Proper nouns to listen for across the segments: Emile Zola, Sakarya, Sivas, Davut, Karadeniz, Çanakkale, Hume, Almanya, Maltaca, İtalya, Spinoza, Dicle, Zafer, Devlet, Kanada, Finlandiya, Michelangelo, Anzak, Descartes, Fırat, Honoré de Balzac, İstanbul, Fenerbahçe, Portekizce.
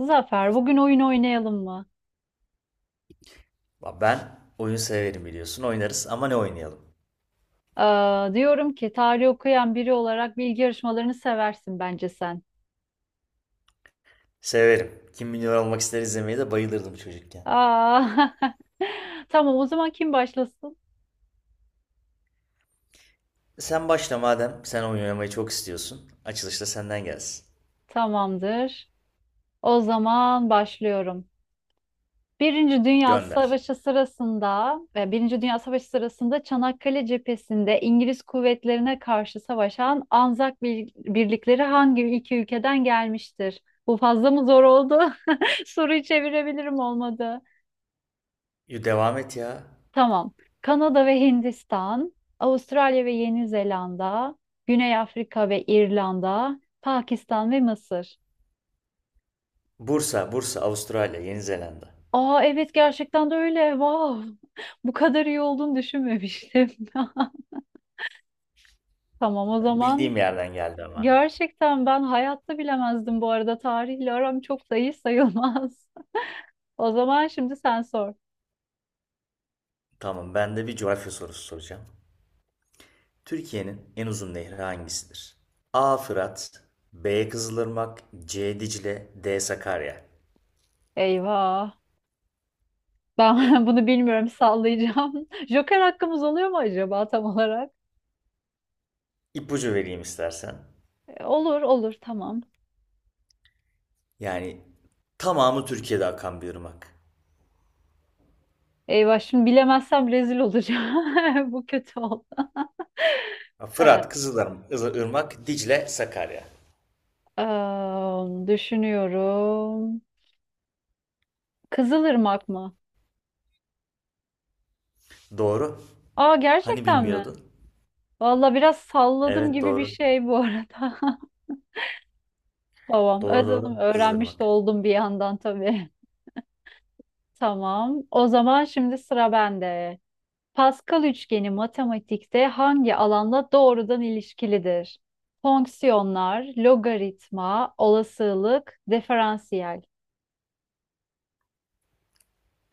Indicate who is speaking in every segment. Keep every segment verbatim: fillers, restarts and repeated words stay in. Speaker 1: Zafer, bugün oyun oynayalım mı?
Speaker 2: Ben oyun severim biliyorsun. Oynarız ama ne oynayalım?
Speaker 1: Aa, diyorum ki tarih okuyan biri olarak bilgi yarışmalarını seversin bence sen.
Speaker 2: Severim. Kim Milyoner Olmak ister izlemeyi de bayılırdım çocukken.
Speaker 1: Aa, tamam, o zaman kim başlasın?
Speaker 2: Sen başla madem. Sen oyun oynamayı çok istiyorsun. Açılışta senden gelsin.
Speaker 1: Tamamdır. O zaman başlıyorum. Birinci Dünya
Speaker 2: Gönder.
Speaker 1: Savaşı sırasında, e, Birinci Dünya Savaşı sırasında Çanakkale cephesinde İngiliz kuvvetlerine karşı savaşan Anzak bir- birlikleri hangi iki ülkeden gelmiştir? Bu fazla mı zor oldu? Soruyu çevirebilirim olmadı.
Speaker 2: Yo, devam et ya.
Speaker 1: Tamam. Kanada ve Hindistan, Avustralya ve Yeni Zelanda, Güney Afrika ve İrlanda, Pakistan ve Mısır.
Speaker 2: Bursa, Bursa, Avustralya, Yeni Zelanda.
Speaker 1: Aa evet, gerçekten de öyle. Wow. Bu kadar iyi olduğunu düşünmemiştim. Tamam, o zaman
Speaker 2: Bildiğim yerden geldi ama.
Speaker 1: gerçekten ben hayatta bilemezdim bu arada. Tarihle aram çok da iyi sayılmaz. O zaman şimdi sen sor.
Speaker 2: Tamam, ben de bir coğrafya sorusu soracağım. Türkiye'nin en uzun nehri hangisidir? A. Fırat, B. Kızılırmak, C. Dicle, D. Sakarya.
Speaker 1: Eyvah. Ben bunu bilmiyorum, sallayacağım. Joker hakkımız oluyor mu acaba tam olarak?
Speaker 2: İpucu vereyim istersen.
Speaker 1: E, Olur olur, tamam.
Speaker 2: Yani tamamı Türkiye'de akan bir ırmak.
Speaker 1: Eyvah, şimdi bilemezsem rezil olacağım. Bu kötü oldu. Ee,
Speaker 2: Fırat, Kızılırmak, Irmak, Dicle, Sakarya.
Speaker 1: em, Düşünüyorum. Kızılırmak mı?
Speaker 2: Doğru.
Speaker 1: Aa,
Speaker 2: Hani
Speaker 1: gerçekten mi?
Speaker 2: bilmiyordun?
Speaker 1: Valla biraz salladım
Speaker 2: Evet,
Speaker 1: gibi bir
Speaker 2: doğru.
Speaker 1: şey bu arada. Tamam.
Speaker 2: Doğru,
Speaker 1: Özledim.
Speaker 2: doğru.
Speaker 1: Öğrenmiş de
Speaker 2: Kızılırmak.
Speaker 1: oldum bir yandan tabii. Tamam. O zaman şimdi sıra bende. Pascal üçgeni matematikte hangi alanla doğrudan ilişkilidir? Fonksiyonlar, logaritma, olasılık, diferansiyel.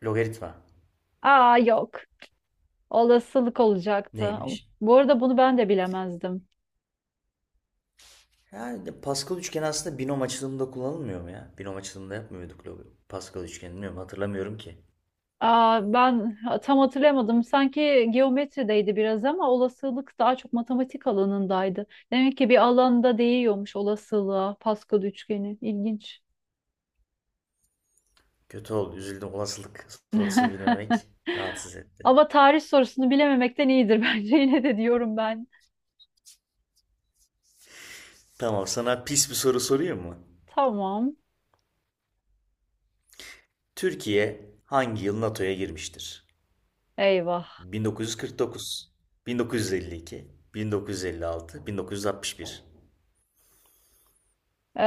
Speaker 2: Logaritma.
Speaker 1: Aa, yok. Olasılık olacaktı.
Speaker 2: Neymiş?
Speaker 1: Bu arada bunu ben de bilemezdim.
Speaker 2: Yani Pascal üçgeni aslında binom açılımında kullanılmıyor mu ya? Binom açılımında yapmıyorduk. log Pascal üçgenini bilmiyorum, hatırlamıyorum ki.
Speaker 1: Aa, ben tam hatırlamadım. Sanki geometrideydi biraz ama olasılık daha çok matematik alanındaydı. Demek ki bir alanda değiyormuş olasılığa Pascal üçgeni. İlginç.
Speaker 2: Kötü oldu, üzüldüm, olasılık sorusu bilmemek rahatsız etti.
Speaker 1: Ama tarih sorusunu bilememekten iyidir bence. Yine de diyorum ben.
Speaker 2: Tamam, sana pis bir soru sorayım mı?
Speaker 1: Tamam.
Speaker 2: Türkiye hangi yıl NATO'ya girmiştir?
Speaker 1: Eyvah.
Speaker 2: bin dokuz yüz kırk dokuz, bin dokuz yüz elli iki, bin dokuz yüz elli altı, bin dokuz yüz altmış bir.
Speaker 1: Ee,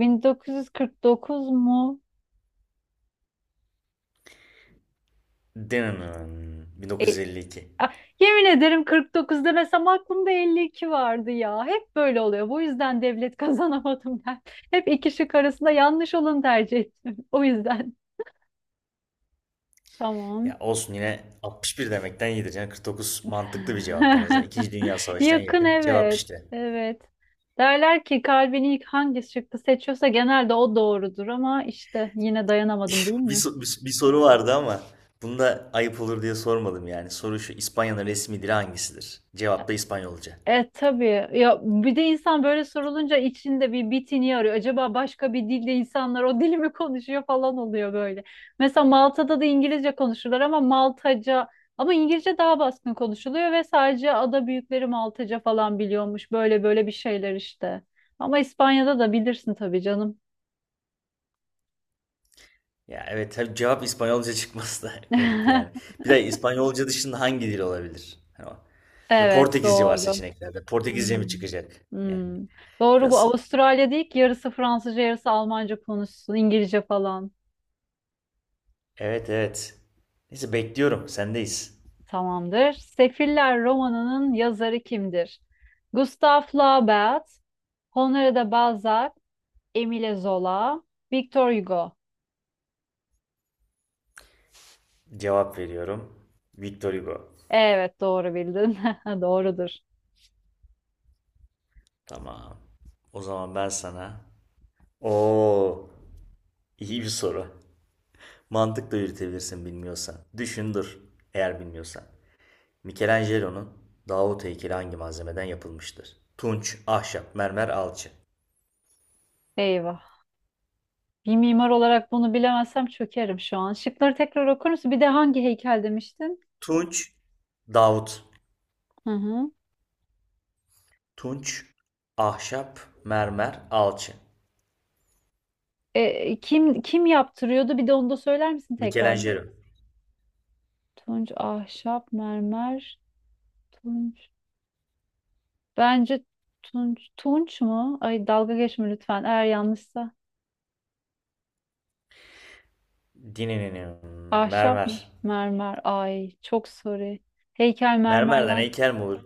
Speaker 1: bin dokuz yüz kırk dokuz mu?
Speaker 2: Denen
Speaker 1: E,
Speaker 2: bin dokuz yüz elli iki.
Speaker 1: Ah, yemin ederim kırk dokuz demesem aklımda elli iki vardı ya. Hep böyle oluyor. Bu yüzden devlet kazanamadım ben. Hep iki şık arasında yanlış olanı tercih ettim. O yüzden. Tamam.
Speaker 2: Ya olsun, yine altmış bir demekten iyidir. Yani kırk dokuz mantıklı bir cevap en azından. İkinci Dünya Savaşı'na
Speaker 1: Yakın,
Speaker 2: yakın cevap
Speaker 1: evet.
Speaker 2: işte.
Speaker 1: Evet. Derler ki kalbini ilk hangi şıkkı seçiyorsa genelde o doğrudur ama işte yine dayanamadım değil
Speaker 2: Bir,
Speaker 1: mi?
Speaker 2: so- bir, bir soru vardı ama bunu da ayıp olur diye sormadım yani. Soru şu: İspanya'nın resmi dili hangisidir? Cevap da İspanyolca.
Speaker 1: E tabii ya, bir de insan böyle sorulunca içinde bir bitini arıyor. Acaba başka bir dilde insanlar o dili mi konuşuyor falan oluyor böyle. Mesela Malta'da da İngilizce konuşurlar ama Maltaca ama İngilizce daha baskın konuşuluyor ve sadece ada büyükleri Maltaca falan biliyormuş. Böyle böyle bir şeyler işte. Ama İspanya'da da bilirsin tabii canım.
Speaker 2: Ya evet, tabii cevap İspanyolca çıkması da garip yani. Bir de İspanyolca dışında hangi dil olabilir? Hani o- Mesela
Speaker 1: Evet
Speaker 2: Portekizce var
Speaker 1: doğru.
Speaker 2: seçeneklerde. Portekizce mi
Speaker 1: Hmm.
Speaker 2: çıkacak? Yani
Speaker 1: Hmm. Doğru, bu
Speaker 2: biraz,
Speaker 1: Avustralya değil ki yarısı Fransızca yarısı Almanca konuşsun İngilizce falan.
Speaker 2: evet, evet. Neyse, bekliyorum. Sendeyiz.
Speaker 1: Tamamdır. Sefiller romanının yazarı kimdir? Gustav Flaubert, Honoré de Balzac, Emile Zola, Victor Hugo.
Speaker 2: Cevap veriyorum. Victor Hugo.
Speaker 1: Evet, doğru bildin. Doğrudur.
Speaker 2: Tamam. O zaman ben sana. Oo, iyi bir soru. Mantıkla yürütebilirsin bilmiyorsan. Düşün dur eğer bilmiyorsan. Michelangelo'nun Davut heykeli hangi malzemeden yapılmıştır? Tunç, ahşap, mermer, alçı.
Speaker 1: Eyvah. Bir mimar olarak bunu bilemezsem çökerim şu an. Şıkları tekrar okur musun? Bir de hangi heykel demiştin?
Speaker 2: Tunç, Davut.
Speaker 1: Hı hı.
Speaker 2: Tunç, ahşap, mermer, alçı.
Speaker 1: E, kim kim yaptırıyordu? Bir de onu da söyler misin tekrar?
Speaker 2: Michelangelo.
Speaker 1: Tunç, ahşap, mermer, tunç. Bence tunç. Tunç mu? Ay, dalga geçme lütfen eğer yanlışsa.
Speaker 2: Dininin
Speaker 1: Ahşap mı?
Speaker 2: mermer.
Speaker 1: Mermer. Ay çok sorry. Heykel
Speaker 2: Mermerden
Speaker 1: mermerden.
Speaker 2: heykel mi olur?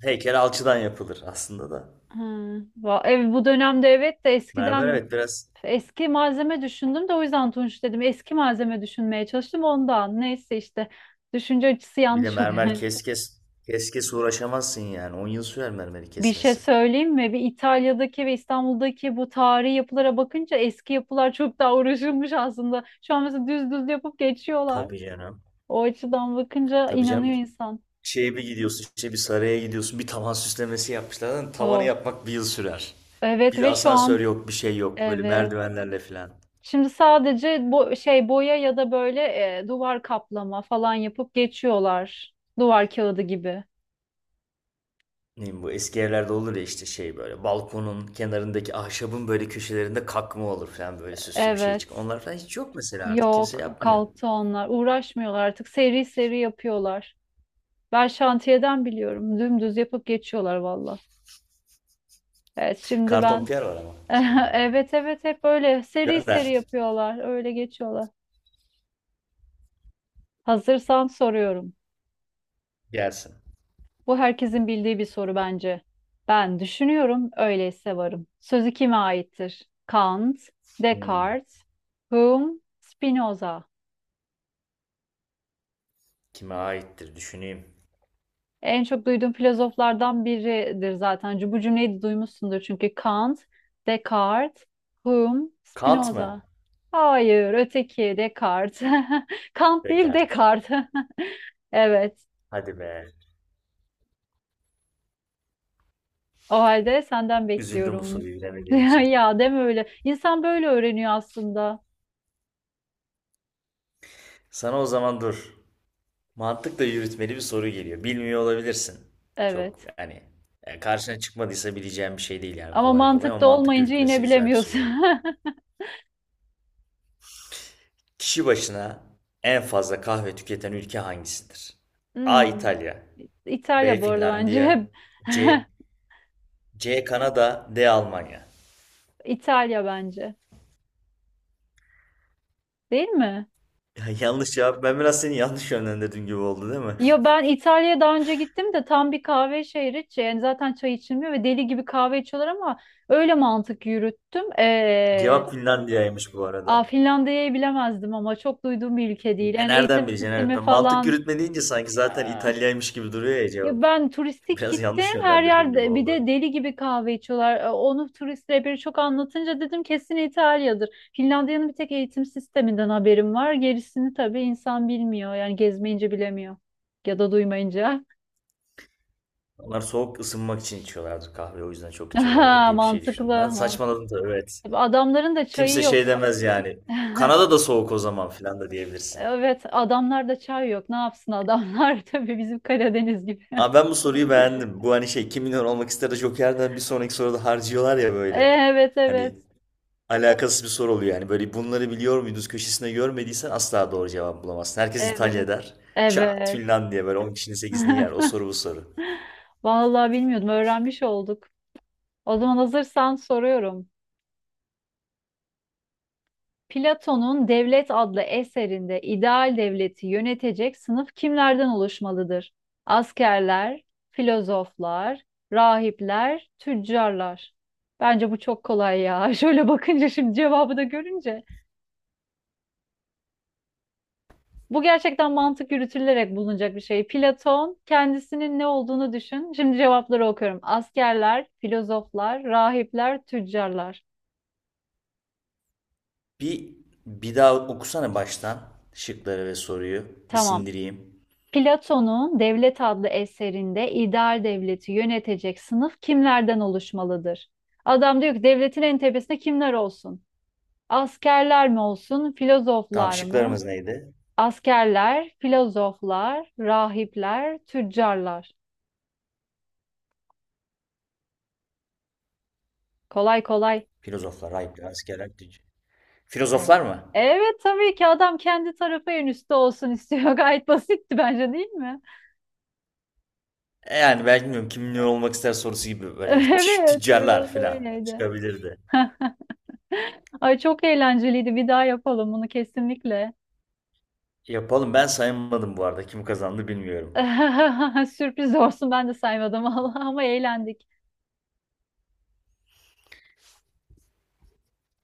Speaker 2: Heykel alçıdan yapılır aslında da.
Speaker 1: Ha, va- ev, Bu dönemde evet de
Speaker 2: Mermer,
Speaker 1: eskiden
Speaker 2: evet, biraz.
Speaker 1: eski malzeme düşündüm de o yüzden tunç dedim. Eski malzeme düşünmeye çalıştım ondan. Neyse işte düşünce açısı
Speaker 2: Bir de
Speaker 1: yanlış
Speaker 2: mermer
Speaker 1: oluyor.
Speaker 2: kes kes. Kes kes uğraşamazsın yani. On yıl sürer mermeri
Speaker 1: Bir şey
Speaker 2: kesmesi.
Speaker 1: söyleyeyim mi? Bir İtalya'daki ve İstanbul'daki bu tarihi yapılara bakınca eski yapılar çok daha uğraşılmış aslında. Şu an mesela düz düz yapıp geçiyorlar.
Speaker 2: Tabii canım.
Speaker 1: O açıdan bakınca
Speaker 2: Tabii canım.
Speaker 1: inanıyor insan.
Speaker 2: Şeye bir gidiyorsun, işte bir saraya gidiyorsun, bir tavan süslemesi yapmışlar. Lan tavanı
Speaker 1: Oh.
Speaker 2: yapmak bir yıl sürer.
Speaker 1: Evet
Speaker 2: Bir de
Speaker 1: ve şu
Speaker 2: asansör
Speaker 1: an
Speaker 2: yok, bir şey yok, böyle
Speaker 1: evet.
Speaker 2: merdivenlerle filan.
Speaker 1: Şimdi sadece bu şey boya ya da böyle e, duvar kaplama falan yapıp geçiyorlar. Duvar kağıdı gibi.
Speaker 2: Ne bileyim, bu eski evlerde olur ya işte şey, böyle balkonun kenarındaki ahşabın böyle köşelerinde kakma olur falan, böyle süslü bir şey çık.
Speaker 1: Evet.
Speaker 2: Onlar falan hiç yok mesela, artık kimse
Speaker 1: Yok,
Speaker 2: yapmıyor.
Speaker 1: kalktı onlar. Uğraşmıyorlar artık. Seri seri yapıyorlar. Ben şantiyeden biliyorum. Dümdüz yapıp geçiyorlar valla. Evet, şimdi ben
Speaker 2: Kartonpiyer var ama.
Speaker 1: evet evet, hep böyle seri seri
Speaker 2: Gönder.
Speaker 1: yapıyorlar. Öyle geçiyorlar. Hazırsan soruyorum.
Speaker 2: Gelsin.
Speaker 1: Bu herkesin bildiği bir soru bence. Ben düşünüyorum, öyleyse varım. Sözü kime aittir? Kant,
Speaker 2: Hmm,
Speaker 1: Descartes, Hume, Spinoza.
Speaker 2: Kime aittir düşüneyim.
Speaker 1: En çok duyduğum filozoflardan biridir zaten. Bu cümleyi de duymuşsundur çünkü. Kant, Descartes, Hume,
Speaker 2: Kant mı?
Speaker 1: Spinoza. Hayır, öteki Descartes. Kant değil,
Speaker 2: Descartes.
Speaker 1: Descartes. Evet.
Speaker 2: Hadi be.
Speaker 1: O halde senden
Speaker 2: Üzüldüm bu
Speaker 1: bekliyorum.
Speaker 2: soruyu bilemediğim için.
Speaker 1: Ya deme öyle. İnsan böyle öğreniyor aslında.
Speaker 2: Sana o zaman dur. Mantıkla yürütmeli bir soru geliyor. Bilmiyor olabilirsin. Çok
Speaker 1: Evet.
Speaker 2: yani e, karşına çıkmadıysa bileceğin bir şey değil yani
Speaker 1: Ama
Speaker 2: kolay kolay, ama
Speaker 1: mantıkta
Speaker 2: mantık
Speaker 1: olmayınca
Speaker 2: yürütmesi
Speaker 1: yine
Speaker 2: güzel bir
Speaker 1: bilemiyorsun.
Speaker 2: soru. Kişi başına en fazla kahve tüketen ülke hangisidir? A.
Speaker 1: Hmm.
Speaker 2: İtalya, B.
Speaker 1: İtalya bu arada
Speaker 2: Finlandiya,
Speaker 1: bence.
Speaker 2: C. C. Kanada, D. Almanya.
Speaker 1: İtalya bence. Değil mi?
Speaker 2: Ya, yanlış cevap. Ben biraz seni yanlış yönlendirdim gibi oldu, değil mi?
Speaker 1: Ya ben İtalya'ya daha önce gittim de tam bir kahve şehri. Ç- Yani zaten çay içilmiyor ve deli gibi kahve içiyorlar ama öyle mantık yürüttüm. Ee,
Speaker 2: Cevap Finlandiya'ymış bu
Speaker 1: aa,
Speaker 2: arada.
Speaker 1: Finlandiya'yı bilemezdim ama çok duyduğum bir ülke değil.
Speaker 2: E
Speaker 1: Yani
Speaker 2: nereden
Speaker 1: eğitim
Speaker 2: bileceksin? Evet,
Speaker 1: sistemi
Speaker 2: ben mantık
Speaker 1: falan.
Speaker 2: yürütme deyince sanki zaten
Speaker 1: ah,
Speaker 2: İtalya'ymış gibi duruyor ya cevap.
Speaker 1: Ya ben turistik
Speaker 2: Biraz
Speaker 1: gittim
Speaker 2: yanlış
Speaker 1: her
Speaker 2: yönlendirdiğin gibi
Speaker 1: yerde, bir de
Speaker 2: oldu.
Speaker 1: deli gibi kahve içiyorlar. E, Onu turist rehberi çok anlatınca dedim kesin İtalya'dır. Finlandiya'nın bir tek eğitim sisteminden haberim var. Gerisini tabii insan bilmiyor. Yani gezmeyince bilemiyor. Ya da duymayınca.
Speaker 2: Onlar soğuk, ısınmak için içiyorlardır kahve, o yüzden çok içiyorlardır
Speaker 1: Aha,
Speaker 2: diye bir şey
Speaker 1: mantıklı.
Speaker 2: düşündüm. Ben
Speaker 1: mant-
Speaker 2: saçmaladım da, evet.
Speaker 1: Adamların da çayı
Speaker 2: Kimse
Speaker 1: yok.
Speaker 2: şey demez yani. Kanada da soğuk o zaman filan da diyebilirsin.
Speaker 1: Evet, adamlarda çay yok. Ne yapsın adamlar? Tabii bizim Karadeniz gibi.
Speaker 2: Abi, ben bu soruyu beğendim. Bu hani şey, Kim Milyon Olmak ister de Joker'den bir sonraki soruda harcıyorlar ya böyle.
Speaker 1: Evet, evet.
Speaker 2: Hani alakasız bir soru oluyor yani. Böyle bunları biliyor muydunuz köşesine görmediysen asla doğru cevap bulamazsın. Herkes İtalya
Speaker 1: Evet.
Speaker 2: der. Çat,
Speaker 1: Evet.
Speaker 2: Finlandiya, böyle on kişinin sekizini yer. O soru bu soru.
Speaker 1: Vallahi bilmiyordum. Öğrenmiş olduk. O zaman hazırsan soruyorum. Platon'un Devlet adlı eserinde ideal devleti yönetecek sınıf kimlerden oluşmalıdır? Askerler, filozoflar, rahipler, tüccarlar. Bence bu çok kolay ya. Şöyle bakınca şimdi cevabı da görünce. Bu gerçekten mantık yürütülerek bulunacak bir şey. Platon kendisinin ne olduğunu düşün. Şimdi cevapları okuyorum. Askerler, filozoflar, rahipler, tüccarlar.
Speaker 2: Bir, bir daha okusana baştan şıkları ve soruyu. Bir
Speaker 1: Tamam.
Speaker 2: sindireyim.
Speaker 1: Platon'un Devlet adlı eserinde ideal devleti yönetecek sınıf kimlerden oluşmalıdır? Adam diyor ki devletin en tepesinde kimler olsun? Askerler mi olsun,
Speaker 2: Tamam,
Speaker 1: filozoflar mı?
Speaker 2: şıklarımız neydi?
Speaker 1: Askerler, filozoflar, rahipler, tüccarlar. Kolay kolay.
Speaker 2: Filozoflar, ayıplar, askerler, tüc-
Speaker 1: Evet.
Speaker 2: filozoflar mı?
Speaker 1: Evet tabii ki, adam kendi tarafı en üstte olsun istiyor. Gayet basitti bence, değil mi?
Speaker 2: E, Yani ben bilmiyorum, kim ne olmak ister sorusu gibi böyle
Speaker 1: Evet
Speaker 2: tüccarlar
Speaker 1: biraz
Speaker 2: falan
Speaker 1: öyleydi.
Speaker 2: çıkabilirdi.
Speaker 1: Ay, çok eğlenceliydi. Bir daha yapalım bunu kesinlikle.
Speaker 2: Yapalım, ben saymadım bu arada, kim kazandı bilmiyorum.
Speaker 1: Sürpriz olsun, ben de saymadım. Allah, ama eğlendik.